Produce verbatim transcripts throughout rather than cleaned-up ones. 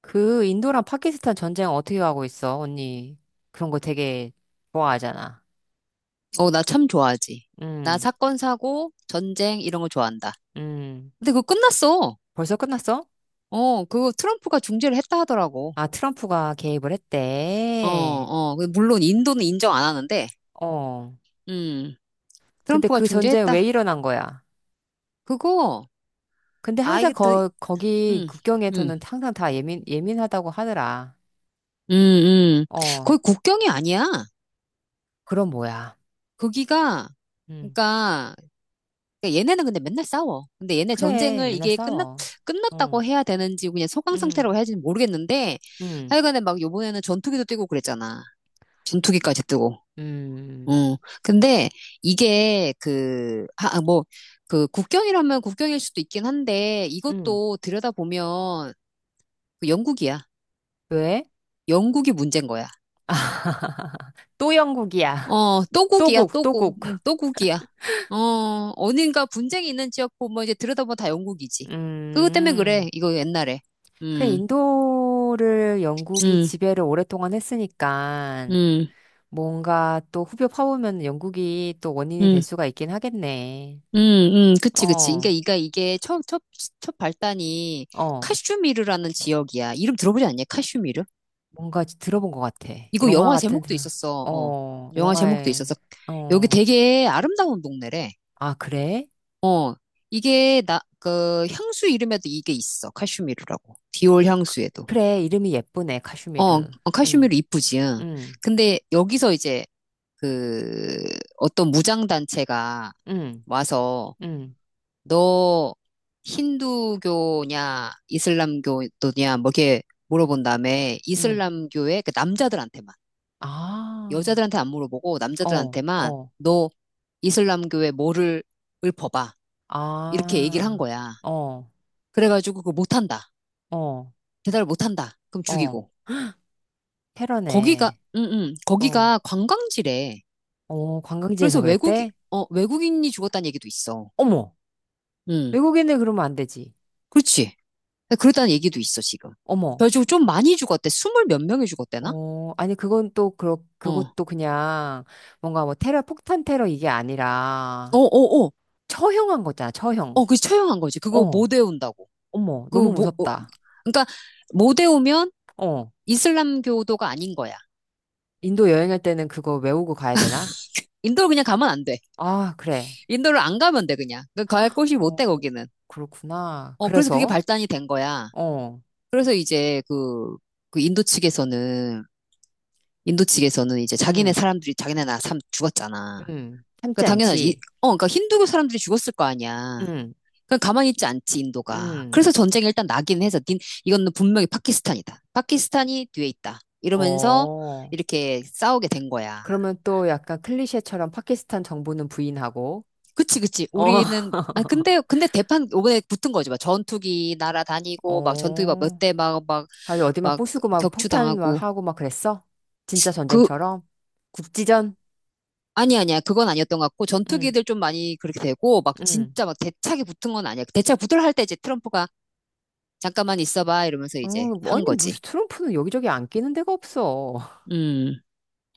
그 인도랑 파키스탄 전쟁 어떻게 하고 있어? 언니 그런 거 되게 좋아하잖아. 어, 나 참 좋아하지. 나 음, 사건, 사고, 전쟁, 이런 거 좋아한다. 음. 근데 그거 끝났어. 벌써 끝났어? 어, 그거 트럼프가 중재를 했다 하더라고. 아, 트럼프가 개입을 어, 했대. 어. 근데 물론 인도는 인정 안 하는데, 어. 음, 근데 트럼프가 그 전쟁 왜 중재했다. 일어난 거야? 그거, 근데 아, 항상 이게 더, 거, 거기 음, 음, 국경에서는 항상 다 예민, 예민하다고 하더라. 음, 음. 어. 거의 국경이 아니야. 그럼 뭐야? 거기가, 음. 그러니까, 그러니까 얘네는 근데 맨날 싸워. 근데 얘네 그래, 전쟁을 맨날 이게 끝났, 싸워. 어. 끝났다고 해야 되는지, 그냥 소강 음, 상태라고 해야 되는지 모르겠는데, 음, 하여간에 막 요번에는 전투기도 뛰고 그랬잖아. 전투기까지 뜨고. 음, 음. 근데 이게 그, 하, 아, 뭐, 그 국경이라면 국경일 수도 있긴 한데 음. 음. 이것도 들여다보면 그 영국이야. 왜? 영국이 문제인 거야. 또 영국이야. 어, 또국이야, 또국, 또국. 또국. 응, 또국이야. 어, 어딘가 분쟁이 있는 지역 보면 이제 들여다보면 다 영국이지. 그것 때문에 그래. 음. 이거 옛날에. 그 음, 인도를 영국이 음, 지배를 오랫동안 했으니까 음, 뭔가 또 후벼 파보면 영국이 또 원인이 될 음. 수가 있긴 하겠네. 음, 음, 그치, 그치. 그러니까 어, 이가 이게 첫, 첫, 첫 발단이 어. 카슈미르라는 지역이야. 이름 들어보지 않냐? 카슈미르? 뭔가 들어본 것 같아. 이거 영화 영화 같은, 제목도 있었어. 어. 어, 영화 제목도 영화에, 있었어. 여기 어. 되게 아름다운 동네래. 아, 그래? 어. 이게 나, 그 향수 이름에도 이게 있어. 카슈미르라고. 디올 그- 향수에도. 그래, 이름이 예쁘네, 어, 카슈미르. 어, 응, 카슈미르 이쁘지. 응. 응, 근데 여기서 이제 그 어떤 무장단체가 응, 와서 응, 너 힌두교냐 이슬람교도냐 뭐 이렇게 물어본 다음에 응. 이슬람교의 그 남자들한테만 아, 여자들한테 안 물어보고 어, 남자들한테만 어. 너 이슬람교에 뭐를 읊어봐. 이렇게 얘기를 한 아, 거야. 어. 그래가지고 그거 못한다. 어, 대답을 못한다. 그럼 어, 죽이고. 거기가, 테러네. 응, 응. 어, 거기가 관광지래. 어, 그래서 관광지에서 외국이, 그랬대? 어, 외국인이 죽었다는 얘기도 있어. 어머, 응. 외국인을 그러면 안 되지. 그렇지. 그렇다는 얘기도 있어, 지금. 어머, 그래가지고 좀 많이 죽었대. 스물 몇 명이 죽었대나? 어, 아니, 그건 또, 그렇, 어. 그것도 그냥, 뭔가 뭐 테러, 폭탄 테러 이게 어, 아니라, 어, 어. 처형한 거잖아, 어, 처형. 그 처형한 거지. 그거 어, 못 외운다고. 어머, 그 너무 뭐, 어, 무섭다. 그러니까 못 외우면 어, 이슬람교도가 아닌 거야. 인도 여행할 때는 그거 외우고 가야 되나? 인도를 그냥 가면 안 돼. 아, 그래. 인도를 안 가면 돼, 그냥. 그갈 곳이 못 어, 돼, 거기는. 그렇구나. 어, 그래서 그게 그래서, 발단이 된 거야. 어, 그래서 이제 그, 그 인도 측에서는, 인도 측에서는 이제 자기네 응, 사람들이, 자기네 나 사람 죽었잖아. 응, 참지 그러니까 당연하지. 이- 않지. 어, 그러니까 힌두교 사람들이 죽었을 거 아니야. 응, 그냥 가만히 있지 않지, 인도가. 응, 그래서 전쟁이 일단 나긴 해서, 닌, 이거는 분명히 파키스탄이다. 파키스탄이 뒤에 있다. 이러면서 어. 이렇게 싸우게 된 거야. 그러면 또 약간 클리셰처럼 파키스탄 정부는 부인하고, 그치, 그치. 어, 우리는, 아, 근데, 근데 대판, 이번에 붙은 거지. 막 전투기 날아다니고, 막 전투기 막 몇 어, 대 막, 막, 아주 어디 막 막 부수고 막 폭탄 막 격추당하고. 하고 막 그랬어? 진짜 그, 전쟁처럼? 국지전? 아니, 아니야. 그건 아니었던 것 같고, 응, 전투기들 좀 많이 그렇게 되고, 막 응. 진짜 막 대차게 붙은 건 아니야. 대차 붙으려 할 때 이제 트럼프가 잠깐만 있어봐. 이러면서 어, 이제 한 아니, 거지. 무슨 트럼프는 여기저기 안 끼는 데가 없어. 음,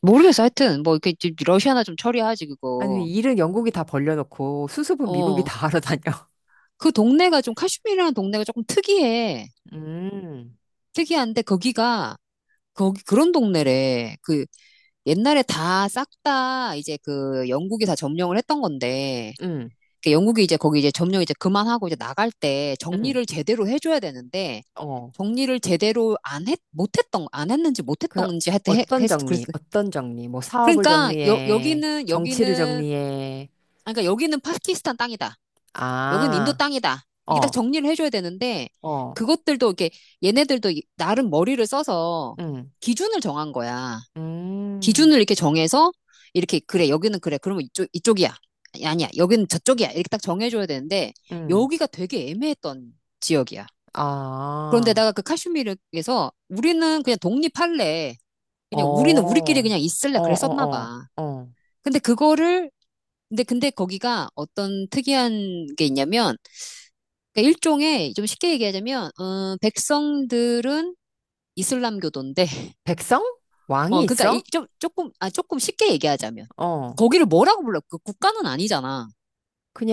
모르겠어. 하여튼, 뭐, 이렇게 좀 러시아나 좀 처리하지, 아니, 그거. 일은 영국이 다 벌려놓고 수습은 미국이 어. 다 하러 다녀. 그 동네가 좀, 카슈미르라는 동네가 조금 특이해. 음, 특이한데, 거기가, 거기 그런 동네래. 그 옛날에 다 싹 다 이제 그 영국이 다 점령을 했던 건데 음, 그 영국이 이제 거기 이제 점령 이제 그만하고 이제 나갈 때 음, 정리를 제대로 해줘야 되는데 어. 정리를 제대로 안 했, 못했던 안 했는지 그, 못했던지 하여튼 해, 어떤 했, 그랬, 정리, 어떤 정리, 뭐 사업을 그러니까 여, 정리해, 여기는 정치를 여기는 정리해. 아, 그러니까 여기는 파키스탄 땅이다. 여기는 인도 아, 땅이다. 이게 딱 어. 정리를 해줘야 되는데 어, 그것들도 이렇게 얘네들도 이- 나름 머리를 써서 응, 기준을 정한 거야. 음, 기준을 이렇게 정해서 이렇게 그래 여기는 그래 그러면 이쪽 이쪽이야 아니, 아니야, 여기는 저쪽이야, 이렇게 딱 정해줘야 되는데 응, 여기가 되게 애매했던 지역이야. 아, 그런데다가 그 카슈미르에서 우리는 그냥 독립할래, 어, 그냥 우리는 우리끼리 어, 그냥 있을래, 어, 그랬었나 어, 봐. 어. 근데 그거를 근데 근데 거기가 어떤 특이한 게 있냐면 그러니까 일종의 좀 쉽게 얘기하자면 어, 백성들은 이슬람교도인데 백성? 왕이 어, 그러니까 이, 있어? 좀 조금 아 조금 쉽게 얘기하자면 어, 거기를 뭐라고 불러? 그 국가는 아니잖아.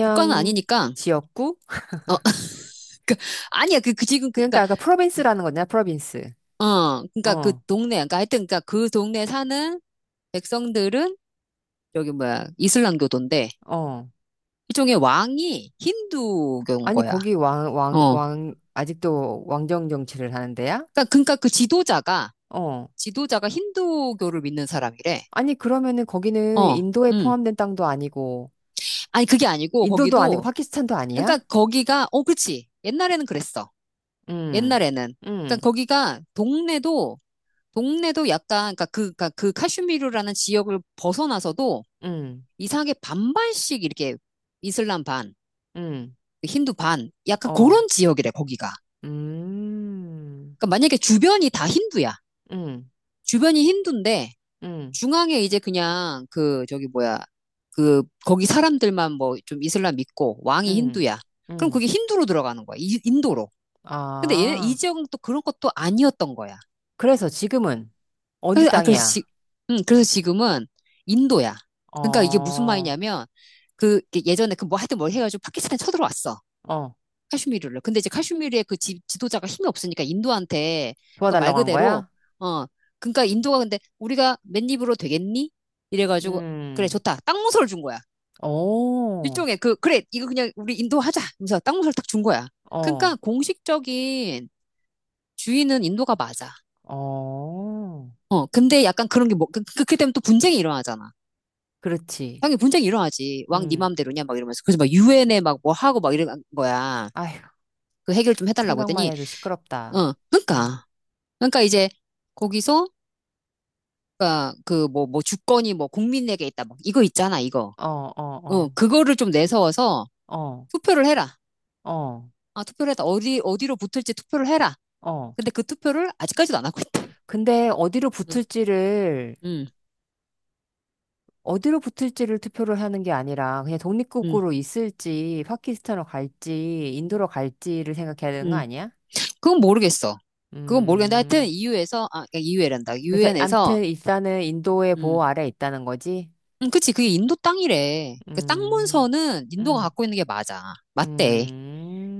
국가는 아니니까 지역구? 어, 그 아니야, 그, 그 지금, 그, 그니까 그러니까 아까 프로빈스라는 거냐, 프로빈스. 어, 그니까 그 어, 동네, 그니까 하여튼, 그니까 그 동네 사는 백성들은 여기 뭐야 이슬람교도인데 어. 일종의 왕이 힌두교인 아니, 거야. 거기 왕, 왕, 어, 왕, 아직도 왕정 정치를 하는 데야? 그니까 그니까 그 지도자가 어. 지도자가 힌두교를 믿는 사람이래. 아니, 그러면은 거기는 어, 인도에 음, 포함된 땅도 아니고, 아니 그게 아니고 인도도 아니고 거기도 파키스탄도 그니까 아니야? 거기가 어, 그렇지. 옛날에는 그랬어. 음, 옛날에는. 음, 그러니까 거기가 동네도 동네도 약간 그러니까 그, 그러니까 그 카슈미르라는 지역을 벗어나서도 음, 이상하게 반반씩 이렇게 이슬람 반, 음, 그 힌두 반, 약간 어. 그런 지역이래 거기가. 음, 그러니까 만약에 주변이 다 힌두야. 음, 주변이 힌두인데 음, 중앙에 이제 그냥 그 저기 뭐야 그 거기 사람들만 뭐 좀 이슬람 믿고 왕이 음, 힌두야. 그럼 음. 그게 힌두로 들어가는 거야. 이- 인도로. 근데 얘네 이 아, 지역은 또 그런 것도 아니었던 거야. 그래서 지금은 어디 그래서, 아, 그래서 지, 땅이야? 음, 그래서 지금은 인도야. 그러니까 이게 무슨 어, 말이냐면, 그, 이게 예전에 그 뭐 하여튼 뭘 해가지고 파키스탄에 쳐들어왔어. 어, 카슈미르를. 근데 이제 카슈미르의 그 지, 지도자가 힘이 없으니까 인도한테, 그 말 도와달라고 한 그대로, 거야? 어, 그러니까 인도가 근데 우리가 맨입으로 되겠니? 이래가지고, 그래, 음, 좋다. 땅무서를 준 거야. 오, 일종의 그, 그래, 이거 그냥 우리 인도 하자. 하면서 땅무서를 딱 준 거야. 어, 그러니까 공식적인 주인은 인도가 맞아. 어, 어, 근데 약간 그런 게 뭐, 그, 그렇게 되면 또 분쟁이 일어나잖아. 그렇지. 당연히 분쟁이 일어나지. 왕 네 음, 맘대로냐? 막 이러면서. 그래서 막 유엔에 막 뭐 하고 막 이런 거야. 아휴, 그 해결 좀 해달라고 생각만 했더니, 해도 시끄럽다. 어, 음, 그러니까. 그러니까 이제 거기서, 그러니까 그 뭐, 뭐 주권이 뭐 국민에게 있다. 막 이거 있잖아, 이거. 어, 어, 어, 어, 그거를 좀 내세워서 어, 투표를 해라. 어, 아, 투표를 해라. 어디, 어디로 붙을지 투표를 해라. 어. 근데 그 투표를 아직까지도 안 하고 있다. 근데 어디로 응, 붙을지를 응, 어디로 붙을지를 투표를 하는 게 아니라 그냥 응, 독립국으로 있을지 파키스탄으로 갈지 인도로 갈지를 생각해야 되는 거 응. 아니야? 그건 모르겠어. 그건 모르겠는데 하여튼 음. 유 u 에서 아, 유 u 란다유 그래서 엔에서 암튼 일단은 인도의 보호 아래 있다는 거지. 응, 그치. 그게 인도 땅이래. 그 땅 음. 문서는 인도가 음. 갖고 있는 게 맞아. 맞대.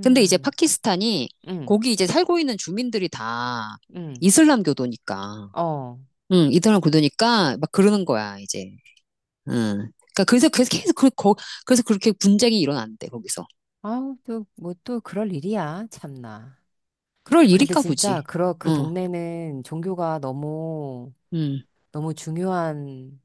근데 이제 파키스탄이 음. 거기 이제 살고 있는 주민들이 다 음. 이슬람 교도니까. 어. 응, 이슬람 교도니까 막 그러는 거야, 이제. 응. 그러니까 그래서, 그래서 계속 그, 거, 그래서 그렇게 분쟁이 일어난대, 거기서. 아우 또뭐 또 그럴 일이야. 참나. 그럴 근데 일인가 진짜 보지. 그러 그 응, 동네는 종교가 너무 응, 너무 중요한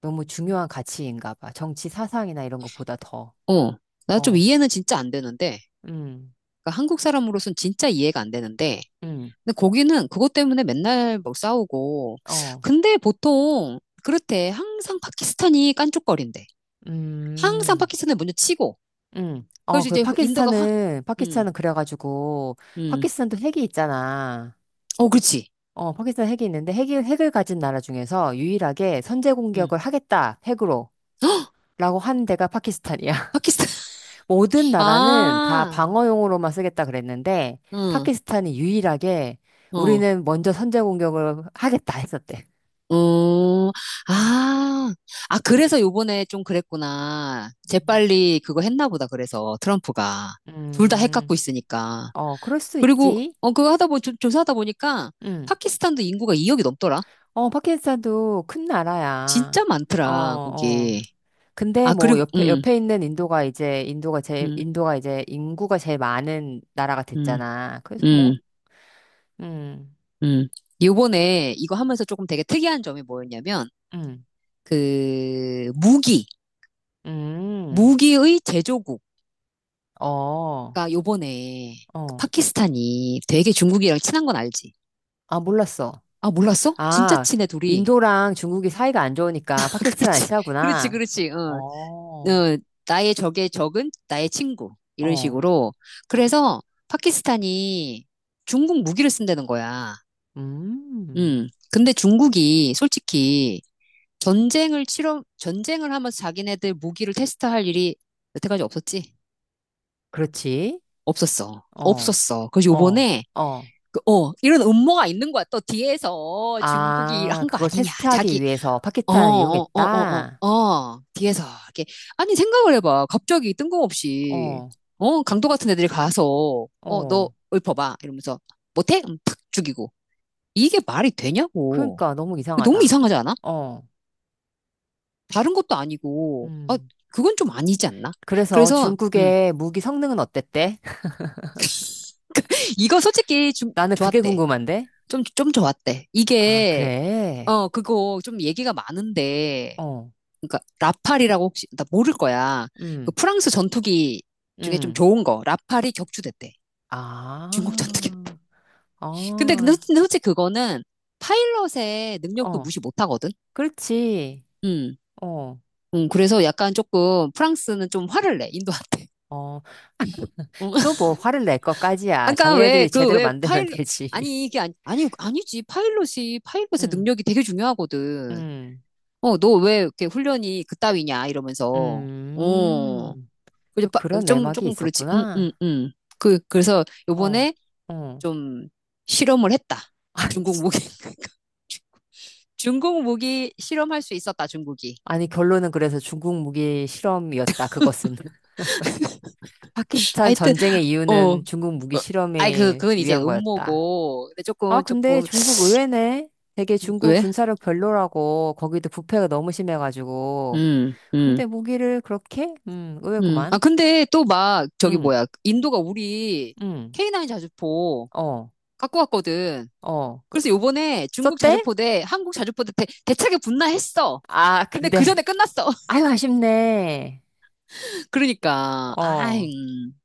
너무 중요한 가치인가 봐. 정치 사상이나 이런 것보다 더. 어. 나 좀 어, 이해는 진짜 안 되는데. 음, 그러니까 한국 사람으로선 진짜 이해가 안 되는데. 음, 근데 거기는 그것 때문에 맨날 뭐 싸우고. 어, 근데 보통 그렇대. 항상 파키스탄이 깐족거린대. 항상 음, 파키스탄을 먼저 치고. 음. 어, 그래서 그 이제 인도가 화, 파키스탄은, 음, 파키스탄은 그래가지고, 음. 파키스탄도 핵이 있잖아. 어, 그렇지. 어, 파키스탄 핵이 있는데, 핵을 핵을 가진 나라 중에서 유일하게 선제 음. 공격을 하겠다, 핵으로. 헉! 라고 한 데가 파키스탄이야. 파키스탄. 모든 나라는 다 아, 방어용으로만 쓰겠다 그랬는데, 응, 파키스탄이 유일하게 어, 우리는 먼저 선제 공격을 하겠다 했었대. 어, 어. 아, 아, 그래서 요번에 좀 그랬구나. 재빨리 그거 했나 보다, 그래서 트럼프가. 둘 다 핵 갖고 음, 있으니까. 어, 그럴 수 그리고 있지. 어 그거 하다 보 조- 조사하다 보니까 응 파키스탄도 인구가 이 억이 넘더라. 어, 파키스탄도 큰 진짜 나라야. 어, 많더라 어. 거기. 근데 아 뭐 그리고 옆에 음, 옆에 있는 인도가 이제 인도가 제 음, 인도가 이제 인구가 제일 많은 나라가 음, 됐잖아. 그래서 음, 뭐 음. 음. 요번에 이거 하면서 조금 되게 특이한 점이 뭐였냐면 음. 그 무기 음. 무기의 제조국가 어. 요번에 어. 파키스탄이 되게 중국이랑 친한 건 알지? 아, 몰랐어. 아 몰랐어? 진짜 아, 친해 둘이. 인도랑 중국이 사이가 안 좋으니까 파키스탄을 그렇지, 그렇지, 친하구나. 그렇지. 어. 어. 어, 나의 적의 적은 나의 친구. 이런 어. 식으로. 그래서 파키스탄이 중국 무기를 쓴다는 거야. 음. 음. 근데 중국이 솔직히 전쟁을 치러, 전쟁을 하면서 자기네들 무기를 테스트할 일이 여태까지 없었지? 그렇지. 없었어. 어. 없었어. 그래서 어. 요번에, 어. 그, 어, 이런 음모가 있는 거야. 또 뒤에서 중국이 아, 한 거 그걸 아니냐. 테스트하기 자기 위해서 어, 파키탄을 어, 어, 어, 이용했다? 어, 어, 뒤에서, 이렇게. 아니, 생각을 해봐. 갑자기 뜬금없이, 어, 어, 강도 같은 애들이 가서, 어, 너 어. 읊어봐. 이러면서, 못해? 음, 탁 죽이고. 이게 말이 되냐고. 그러니까 너무 너무 이상하다. 이상하지 않아? 어, 다른 것도 아니고, 아, 음. 그건 좀 아니지 않나? 그래서 그래서, 음, 중국의 무기 성능은 어땠대? 이거 솔직히 좀 나는 그게 좋았대. 궁금한데? 좀, 좀 좋았대. 아, 이게, 그래? 어, 그거 좀 얘기가 많은데, 어, 그러니까 라팔이라고 혹시 나 모를 거야. 그 음, 프랑스 전투기 중에 좀 음. 좋은 거 라팔이 격추됐대. 중국 전투기. 아, 근데 근데 솔- 어, 근데 솔직히 그거는 파일럿의 능력도 어. 무시 못 하거든. 그렇지. 음. 어, 음, 그래서 약간 조금 프랑스는 좀 화를 내, 인도한테. 어. 음. 또 뭐 화를 낼 것까지야. 아까 왜, 자기네들이 그, 제대로 왜 만들면 파일럿, 되지. 아니, 이게 아니, 아니, 아니지. 파일럿이, 파일럿의 음, 능력이 되게 중요하거든. 음, 어, 너 왜 이렇게 훈련이 그따위냐, 이러면서. 어. 음. 이제 또 바- 그런 좀, 내막이 조금 그렇지. 응, 응, 있었구나. 응. 그, 그래서 어, 요번에 어. 좀 실험을 했다. 아니, 중국 진- 무기. 중국 무기 실험할 수 있었다, 중국이. 아니, 결론은 그래서 중국 무기 실험이었다, 그것은. 파키스탄 하여튼, 전쟁의 어. 이유는 중국 무기 아이, 그, 실험을 그건 이제 위한 거였다. 음모고. 근데 아, 조금, 근데 조금, 중국 의외네. 되게 중국 왜? 군사력 별로라고, 거기도 부패가 너무 심해가지고. 음, 음, 근데 무기를 그렇게? 음, 음. 아, 의외구만. 근데 또 막, 저기 음, 뭐야. 인도가 우리 음, 케이 구 자주포 어, 갖고 왔거든. 어. 그- 그래서 그- 요번에 중국 썼대? 자주포 대 한국 자주포 대 대, 대차게 붙나 했어. 아, 근데 근데. 그 전에 끝났어. 아유, 아쉽네. 그러니까, 아이, 어. 음.